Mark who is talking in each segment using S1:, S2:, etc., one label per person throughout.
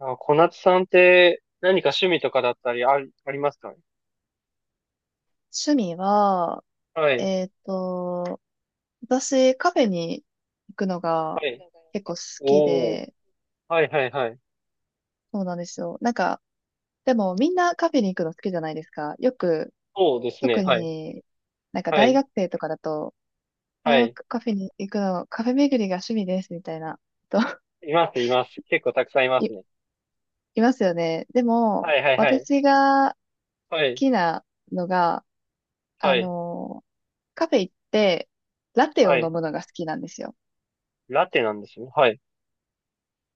S1: あ、小夏さんって何か趣味とかだったりありますか？
S2: 趣味は、
S1: はい。
S2: えっと、私、カフェに行くのが
S1: はい。
S2: 結構好き
S1: おー。
S2: で、
S1: はいはいはい。
S2: そうなんですよ。なんか、でもみんなカフェに行くの好きじゃないですか。よく、
S1: そうです
S2: 特
S1: ね。はい。
S2: になんか
S1: は
S2: 大
S1: い。
S2: 学生とかだと、
S1: は
S2: ああ、
S1: い。
S2: カフェに行くの、カフェ巡りが趣味です、みたいな、と、
S1: います、います。結構たくさんいま
S2: い、
S1: すね。
S2: いますよね。でも、
S1: はいはいはい。
S2: 私が好
S1: はい。
S2: きなのが、あ
S1: はい。
S2: の、カフェ行って、ラテを
S1: は
S2: 飲
S1: い。
S2: むのが好きなんですよ。
S1: ラテなんですね。はい。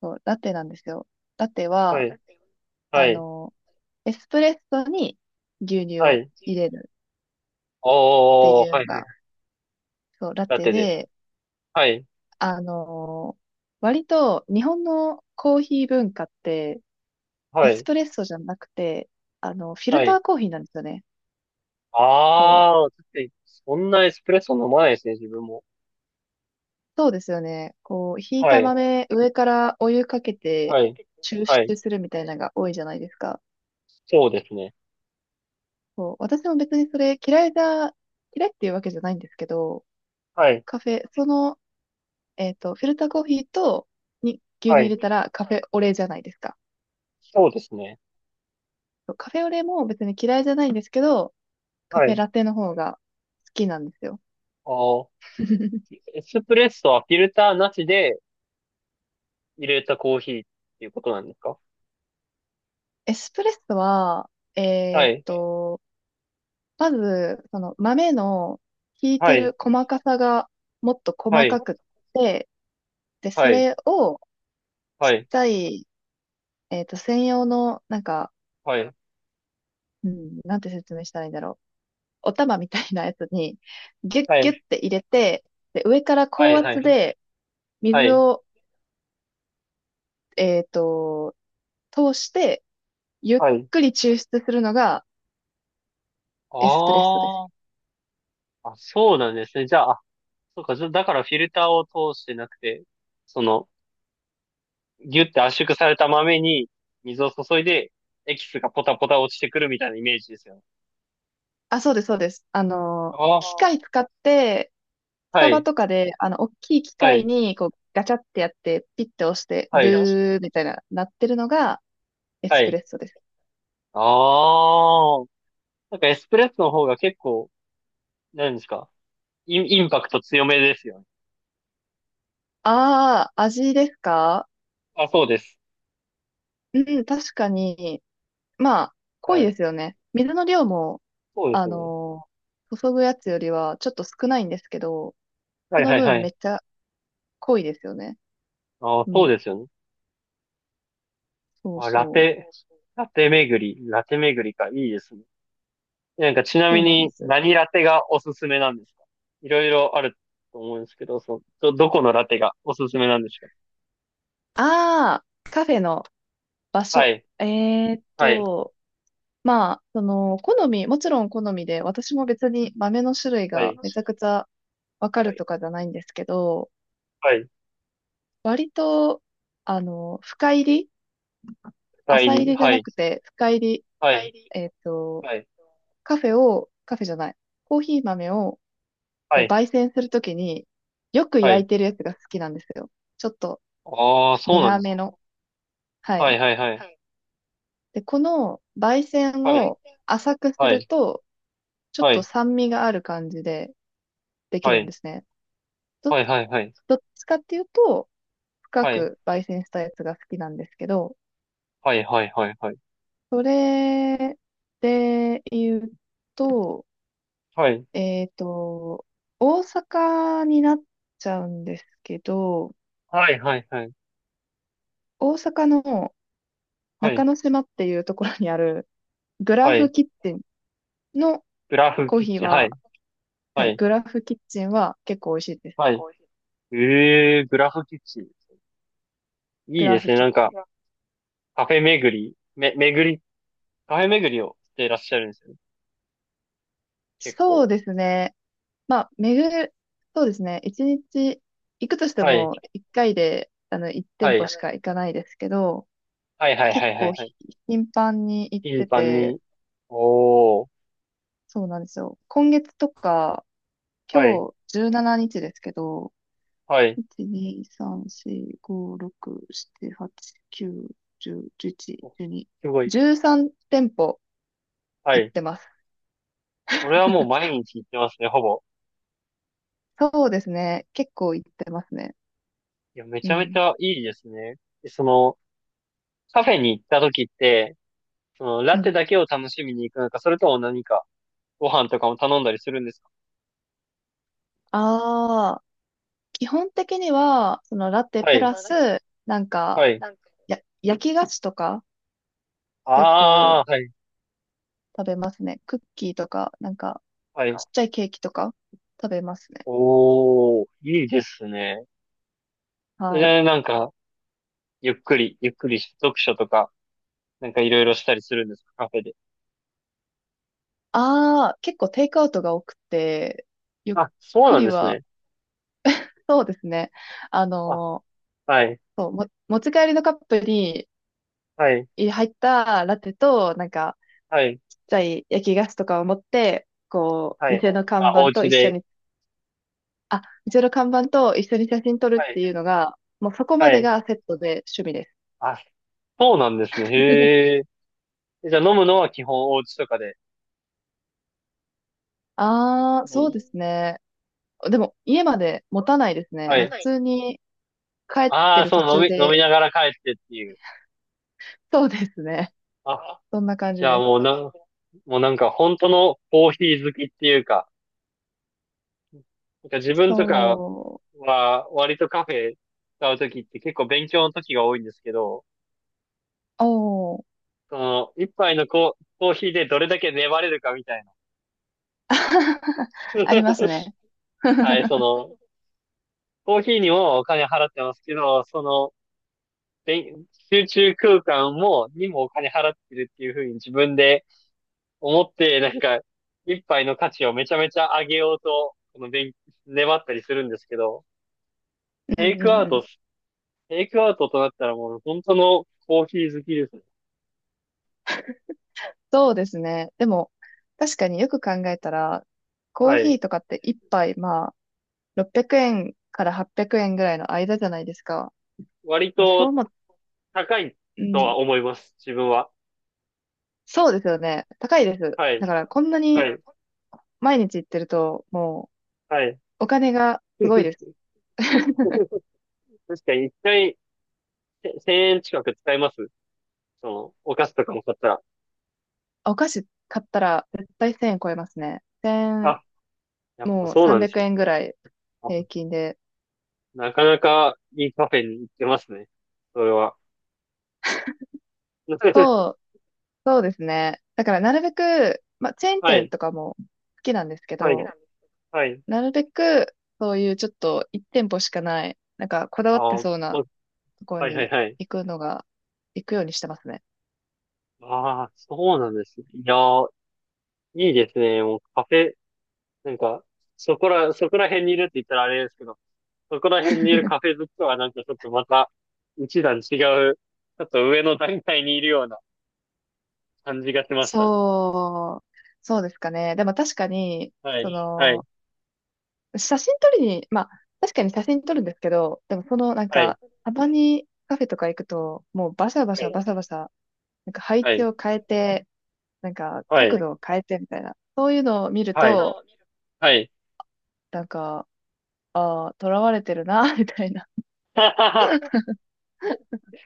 S2: そう、ラテなんですよ。ラテ
S1: は
S2: は、
S1: い。は
S2: あ
S1: い。
S2: の、エスプレッソに牛乳
S1: は
S2: を
S1: い。
S2: 入れるって
S1: おー。
S2: いう
S1: は
S2: の
S1: いは
S2: が、
S1: い。
S2: そう、ラ
S1: ラ
S2: テ
S1: テで。
S2: で、
S1: はい。
S2: あの、割と日本のコーヒー文化って、エ
S1: は
S2: ス
S1: い。
S2: プレッソじゃなくて、フィル
S1: は
S2: タ
S1: い。
S2: ーコーヒーなんですよね。こ
S1: あ
S2: う、
S1: ー。だってそんなエスプレッソ飲まないですね、自分も。
S2: そうですよね。こう、ひい
S1: は
S2: た
S1: い。
S2: 豆、上からお湯かけて
S1: はい。
S2: 抽
S1: はい。
S2: 出するみたいなのが多いじゃないですか。
S1: そうですね。
S2: そう、私も別にそれ嫌いっていうわけじゃないんですけど、
S1: はい。
S2: カフェ、そのフィルターコーヒーとに牛乳
S1: は
S2: 入れた
S1: い。
S2: らカフェオレじゃないですか。
S1: そうですね。
S2: そうカフェオレも別に嫌いじゃないんですけど、カ
S1: は
S2: フェ
S1: い。
S2: ラテの方が好きなんですよ。
S1: あー、 エスプレッソはフィルターなしで入れたコーヒーっていうことなんですか？
S2: エスプレッソは、え
S1: は
S2: っ
S1: い。
S2: と、まず、その豆の引い
S1: は
S2: て
S1: い。
S2: る細かさがもっと
S1: は
S2: 細
S1: い。
S2: かくって、で、そ
S1: はい。
S2: れをちっ
S1: はい。
S2: ちゃい、専用の、なんか、
S1: はい。
S2: うん、なんて説明したらいいんだろう。お玉みたいなやつに、ギュッ
S1: は
S2: ギ
S1: い。
S2: ュッて入れて、で、上から
S1: は
S2: 高
S1: い。は
S2: 圧
S1: い。
S2: で、
S1: は
S2: 水
S1: い。
S2: を、えっと、通して、ゆっ
S1: はい。
S2: くり抽出するのがエスプレッソです。
S1: ああ。あ、そうなんですね。じゃあ、あ、そうか。じゃ、だからフィルターを通してなくて、その、ギュって圧縮された豆に水を注いで、エキスがポタポタ落ちてくるみたいなイメージですよね。
S2: あ、そうです、そうです。
S1: ああ。
S2: 機械使って、ス
S1: は
S2: タバ
S1: い。
S2: とかで、大きい機
S1: は
S2: 械
S1: い。
S2: に、こう、ガチャってやって、ピッて押して、
S1: はい。
S2: ブーみたいな、なってるのがエ
S1: は
S2: スプ
S1: い。
S2: レッソです。
S1: ああ。なんかエスプレッソの方が結構、何ですか、インパクト強めですよね。
S2: ああ、味ですか？
S1: あ、そうです。
S2: うん、確かに、まあ、濃い
S1: はい。
S2: ですよね。水の量も、
S1: そうで
S2: あ
S1: すね。
S2: の、注ぐやつよりはちょっと少ないんですけど、
S1: は
S2: そ
S1: い
S2: の
S1: はいは
S2: 分め
S1: い。
S2: っちゃ濃いですよね。
S1: あ、
S2: う
S1: そう
S2: ん。
S1: ですよね。
S2: そう
S1: あ、ラ
S2: そう。
S1: テ、ラテ巡りか。いいですね。なんかちな
S2: そ
S1: み
S2: うなんで
S1: に
S2: す。
S1: 何ラテがおすすめなんですか？いろいろあると思うんですけど、その、どこのラテがおすすめなんですか？
S2: ああ、カフェの場
S1: は
S2: 所。
S1: い。
S2: えーっ
S1: はい。
S2: と、まあ、その、好み、もちろん好みで、私も別に豆の種類
S1: は
S2: が
S1: い。
S2: めちゃくちゃわか
S1: は
S2: ると
S1: い。
S2: かじゃないんですけど、
S1: はい。
S2: 割と、深入り
S1: 代
S2: 浅入
S1: 理。
S2: りじゃ
S1: は
S2: な
S1: い。
S2: くて、深入り、
S1: はい。
S2: えーっと、
S1: はい。
S2: カフェを、カフェじゃない、コーヒー豆を、
S1: は
S2: こう、
S1: い。
S2: 焙煎するときに、よく
S1: は
S2: 焼
S1: い。
S2: いてるやつが好きなんですよ。ちょっと
S1: ああ、そうなん
S2: 苦
S1: です
S2: め
S1: ね。
S2: の。は
S1: は
S2: い。
S1: いはいはい。
S2: で、この焙煎
S1: はい。
S2: を浅くす
S1: は
S2: る
S1: い。
S2: と、ちょっ
S1: は
S2: と
S1: い、
S2: 酸味がある感じででき
S1: は
S2: るんで
S1: い、
S2: すね。ど、
S1: はい、はい、はい、
S2: どっちかっていうと、深
S1: はい、
S2: く焙煎したやつが好きなんですけど、
S1: はい、はい、はい、はい、
S2: それで言うと、
S1: はい、
S2: えっと、大阪になっちゃうんですけど、
S1: はい、はい、はい、
S2: 大阪の
S1: は
S2: 中
S1: い、
S2: 之島っていうところにあるグラ
S1: は
S2: フ
S1: い、
S2: キッチンの
S1: グラフ
S2: コー
S1: キッ
S2: ヒー
S1: チン、は
S2: は、
S1: い、
S2: は
S1: は
S2: い、
S1: い、
S2: グラフキッチンは結構美味しいです。
S1: はい。ええー、グラフキッチン。い
S2: グ
S1: いで
S2: ラ
S1: す
S2: フ
S1: ね。
S2: キ
S1: な
S2: ッ
S1: んか、
S2: チン。
S1: カフェ巡り、め、巡り、カフェ巡りをしていらっしゃるんですよね。結
S2: そう
S1: 構。
S2: ですね。まあ、そうですね。一日行くとして
S1: はい、
S2: も、一回で、一
S1: は
S2: 店
S1: い、
S2: 舗
S1: は
S2: しか行かないですけど、
S1: い、はい、はい、は
S2: 結
S1: い、
S2: 構
S1: はい。
S2: 頻繁に行っ
S1: 頻
S2: て
S1: 繁に。
S2: て、
S1: おー、
S2: そうなんですよ。今月とか、
S1: はい、
S2: 今日17日ですけど、
S1: はい。
S2: 1、2、3、4、5、6、7、8、9、10、11、
S1: お、
S2: 12、
S1: すごい。
S2: 13店舗
S1: は
S2: 行っ
S1: い。
S2: てます。
S1: それはもう毎日行ってますね、ほぼ。
S2: そうですね。結構行ってますね。
S1: いや、め
S2: う
S1: ちゃめち
S2: ん。
S1: ゃいいですね。で、その、カフェに行った時って、その、
S2: う
S1: ラテ
S2: ん。
S1: だけを楽しみに行くのか、それとも何か、ご飯とかも頼んだりするんですか？
S2: あ基本的には、そのラテ
S1: は
S2: プ
S1: い、、、
S2: ラス、なんか、
S1: はい。か、
S2: 焼き菓子とか、よく
S1: ああ、はい、
S2: 食べますね。クッキーとか、なんか、
S1: はい。
S2: ちっちゃいケーキとか、食べますね。
S1: おー、いいですね。え、
S2: はい。
S1: なんか、ゆっくり読書とか、なんかいろいろしたりするんですか、カフェで。
S2: ああ、結構テイクアウトが多くて、ゆっ
S1: あ、そう
S2: く
S1: なん
S2: り
S1: です
S2: は、
S1: ね。
S2: そうですね。あ
S1: あ、
S2: の
S1: はい、
S2: そう、持ち帰りのカップに
S1: はい、
S2: 入ったラテと、なんか、
S1: はい、
S2: ちっちゃい焼き菓子とかを持って、こう、
S1: はい。
S2: 店の看
S1: あ、
S2: 板
S1: お
S2: と
S1: 家
S2: 一緒
S1: で。
S2: にあ、うちの看板と一緒に写真撮
S1: は
S2: るっ
S1: い、
S2: ていうのが、もうそこま
S1: は
S2: で
S1: い。
S2: がセットで趣味です。
S1: あ、そうなんですね。へえ。え、じゃあ飲むのは基本お家とかで。
S2: ああ、
S1: う、
S2: そうで
S1: ん、
S2: すね。でも家まで持たないですね。
S1: は
S2: もう普
S1: い。
S2: 通に帰っ
S1: あ
S2: て
S1: あ、
S2: る
S1: そ
S2: 途
S1: う、
S2: 中
S1: 飲み
S2: で、
S1: ながら帰ってっていう。
S2: そうですね。
S1: あ、
S2: そんな感
S1: じ
S2: じ
S1: ゃあ
S2: です。
S1: もうなん、もうなんか本当のコーヒー好きっていうか、なんか自分とか
S2: そ
S1: は割とカフェ使うときって結構勉強の時が多いんですけど、
S2: う。おー、
S1: その、一杯のコ、コーヒーでどれだけ粘れるかみたいな。
S2: ありますね。
S1: はい、その、コーヒーにもお金払ってますけど、その、勉集中空間も、にもお金払ってるっていうふうに自分で思って、なんか、一杯の価値をめちゃめちゃ上げようと、この勉、粘ったりするんですけど、
S2: う
S1: テイ
S2: ん
S1: ク
S2: う
S1: ア
S2: ん
S1: ウ
S2: う
S1: ト、
S2: ん。
S1: テイクアウトとなったらもう本当のコーヒー好きですね。
S2: そうですね。でも、確かによく考えたら、コー
S1: は
S2: ヒ
S1: い。
S2: ーとかって一杯、まあ、600円から800円ぐらいの間じゃないですか。
S1: 割
S2: そう
S1: と
S2: も、
S1: 高い
S2: う
S1: と
S2: ん、
S1: は思います、自分は。
S2: そうですよね。高いです。
S1: はい、
S2: だから、こんな
S1: は
S2: に
S1: い、
S2: 毎日行ってると、も
S1: はい。
S2: う、お金がすごいです。
S1: 確かに一回、せ1000円近く使います、その、お菓子とかも買ったら。
S2: お菓子買ったら、絶対1000円超えますね。1
S1: あ、やっぱ
S2: もう
S1: そうなんで
S2: 300
S1: すよ。
S2: 円ぐらい
S1: あ、
S2: 平均で。
S1: なかなかいいカフェに行ってますね、それは。
S2: そう、そうですね。だから、なるべく、まあ、チェーン
S1: は
S2: 店
S1: い、
S2: とかも好きなんですけ
S1: はい、
S2: ど、
S1: はい。
S2: なるべく、そういうちょっと1店舗しかない、なんか、こだわって
S1: ああ、
S2: そうな
S1: こ、
S2: ところ
S1: はいはい
S2: に
S1: はい。
S2: 行くのが、行くようにしてますね。
S1: ああ、そうなんですね。いやー、いいですね。もうカフェ、なんか、そこら辺にいるって言ったらあれですけど、そこら辺にいるカフェ好きとはなんかちょっとまた、一段違う、ちょっと上の段階にいるような感じがしましたね。
S2: そう、そうですかね。でも確かに、
S1: は
S2: そ
S1: い、はい、
S2: の、写真撮りに、まあ、確かに写真撮るんですけど、でもその、なん
S1: はい、
S2: か、たまにカフェとか行くと、もうバシャバ
S1: は
S2: シャ
S1: い、
S2: バシャバシャ、なんか配
S1: は
S2: 置
S1: い、
S2: を変えて、なんか
S1: は
S2: 角
S1: い、
S2: 度を変えてみたいな、そういうのを見ると、
S1: はい。
S2: なんか、あ囚われてるな、みたいな。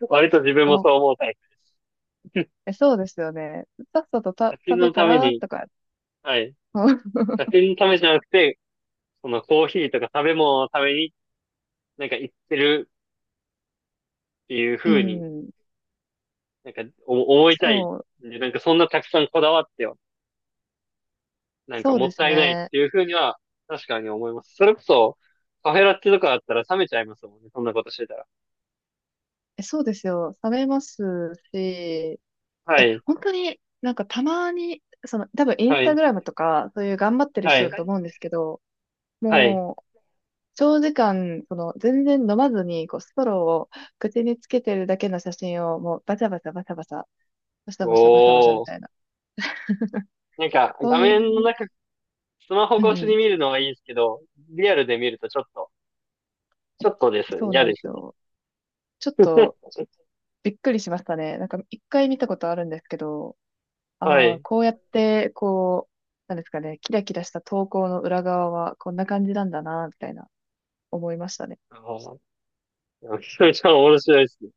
S1: 割と自分
S2: 思
S1: も
S2: う
S1: そう思うタイプです。
S2: えそうですよね。さっさと
S1: 写真
S2: 食べ
S1: の
S2: た
S1: ため
S2: ら、
S1: に、
S2: とか、
S1: はい。写真のためじゃなくて、そのコーヒーとか食べ物のためになんか行ってるっていう
S2: う
S1: 風に、
S2: ん、
S1: なんかお思いたい
S2: そう、
S1: んで、なんかそんなたくさんこだわっては、なんか
S2: そう
S1: もっ
S2: です
S1: たいないっ
S2: ね。
S1: ていう風には、確かに思います。それこそ、カフェラテとかだったら冷めちゃいますもんね、そんなことしてたら。
S2: え、そうですよ。冷めますし、
S1: はい、
S2: 本当になんかたまに、その多分イン
S1: は
S2: スタ
S1: い、
S2: グラムとかそういう頑張ってる
S1: は
S2: 人
S1: い、
S2: だと思うんですけど、
S1: はい。
S2: もう長時間、その全然飲まずにこうストローを口につけてるだけの写真をもうバシャバシャバシャバシャ、バシャバシャバシャバシャみ
S1: おー。
S2: たいな。
S1: なんか、
S2: そ
S1: 画
S2: うい
S1: 面の
S2: う、
S1: 中、スマホ
S2: うん
S1: 越し
S2: うん、
S1: に見るのはいいですけど、リアルで見るとちょっと、ちょっとですね、
S2: そう
S1: 嫌
S2: なん
S1: で
S2: で
S1: す
S2: す
S1: ね。
S2: よ。ちょっと びっくりしましたね。なんか一回見たことあるんですけど、
S1: は
S2: ああ、
S1: い。
S2: こうやってこう、なんですかね、キラキラした投稿の裏側はこんな感じなんだな、みたいな思いましたね。
S1: あー、めちゃめちゃ面白いですね。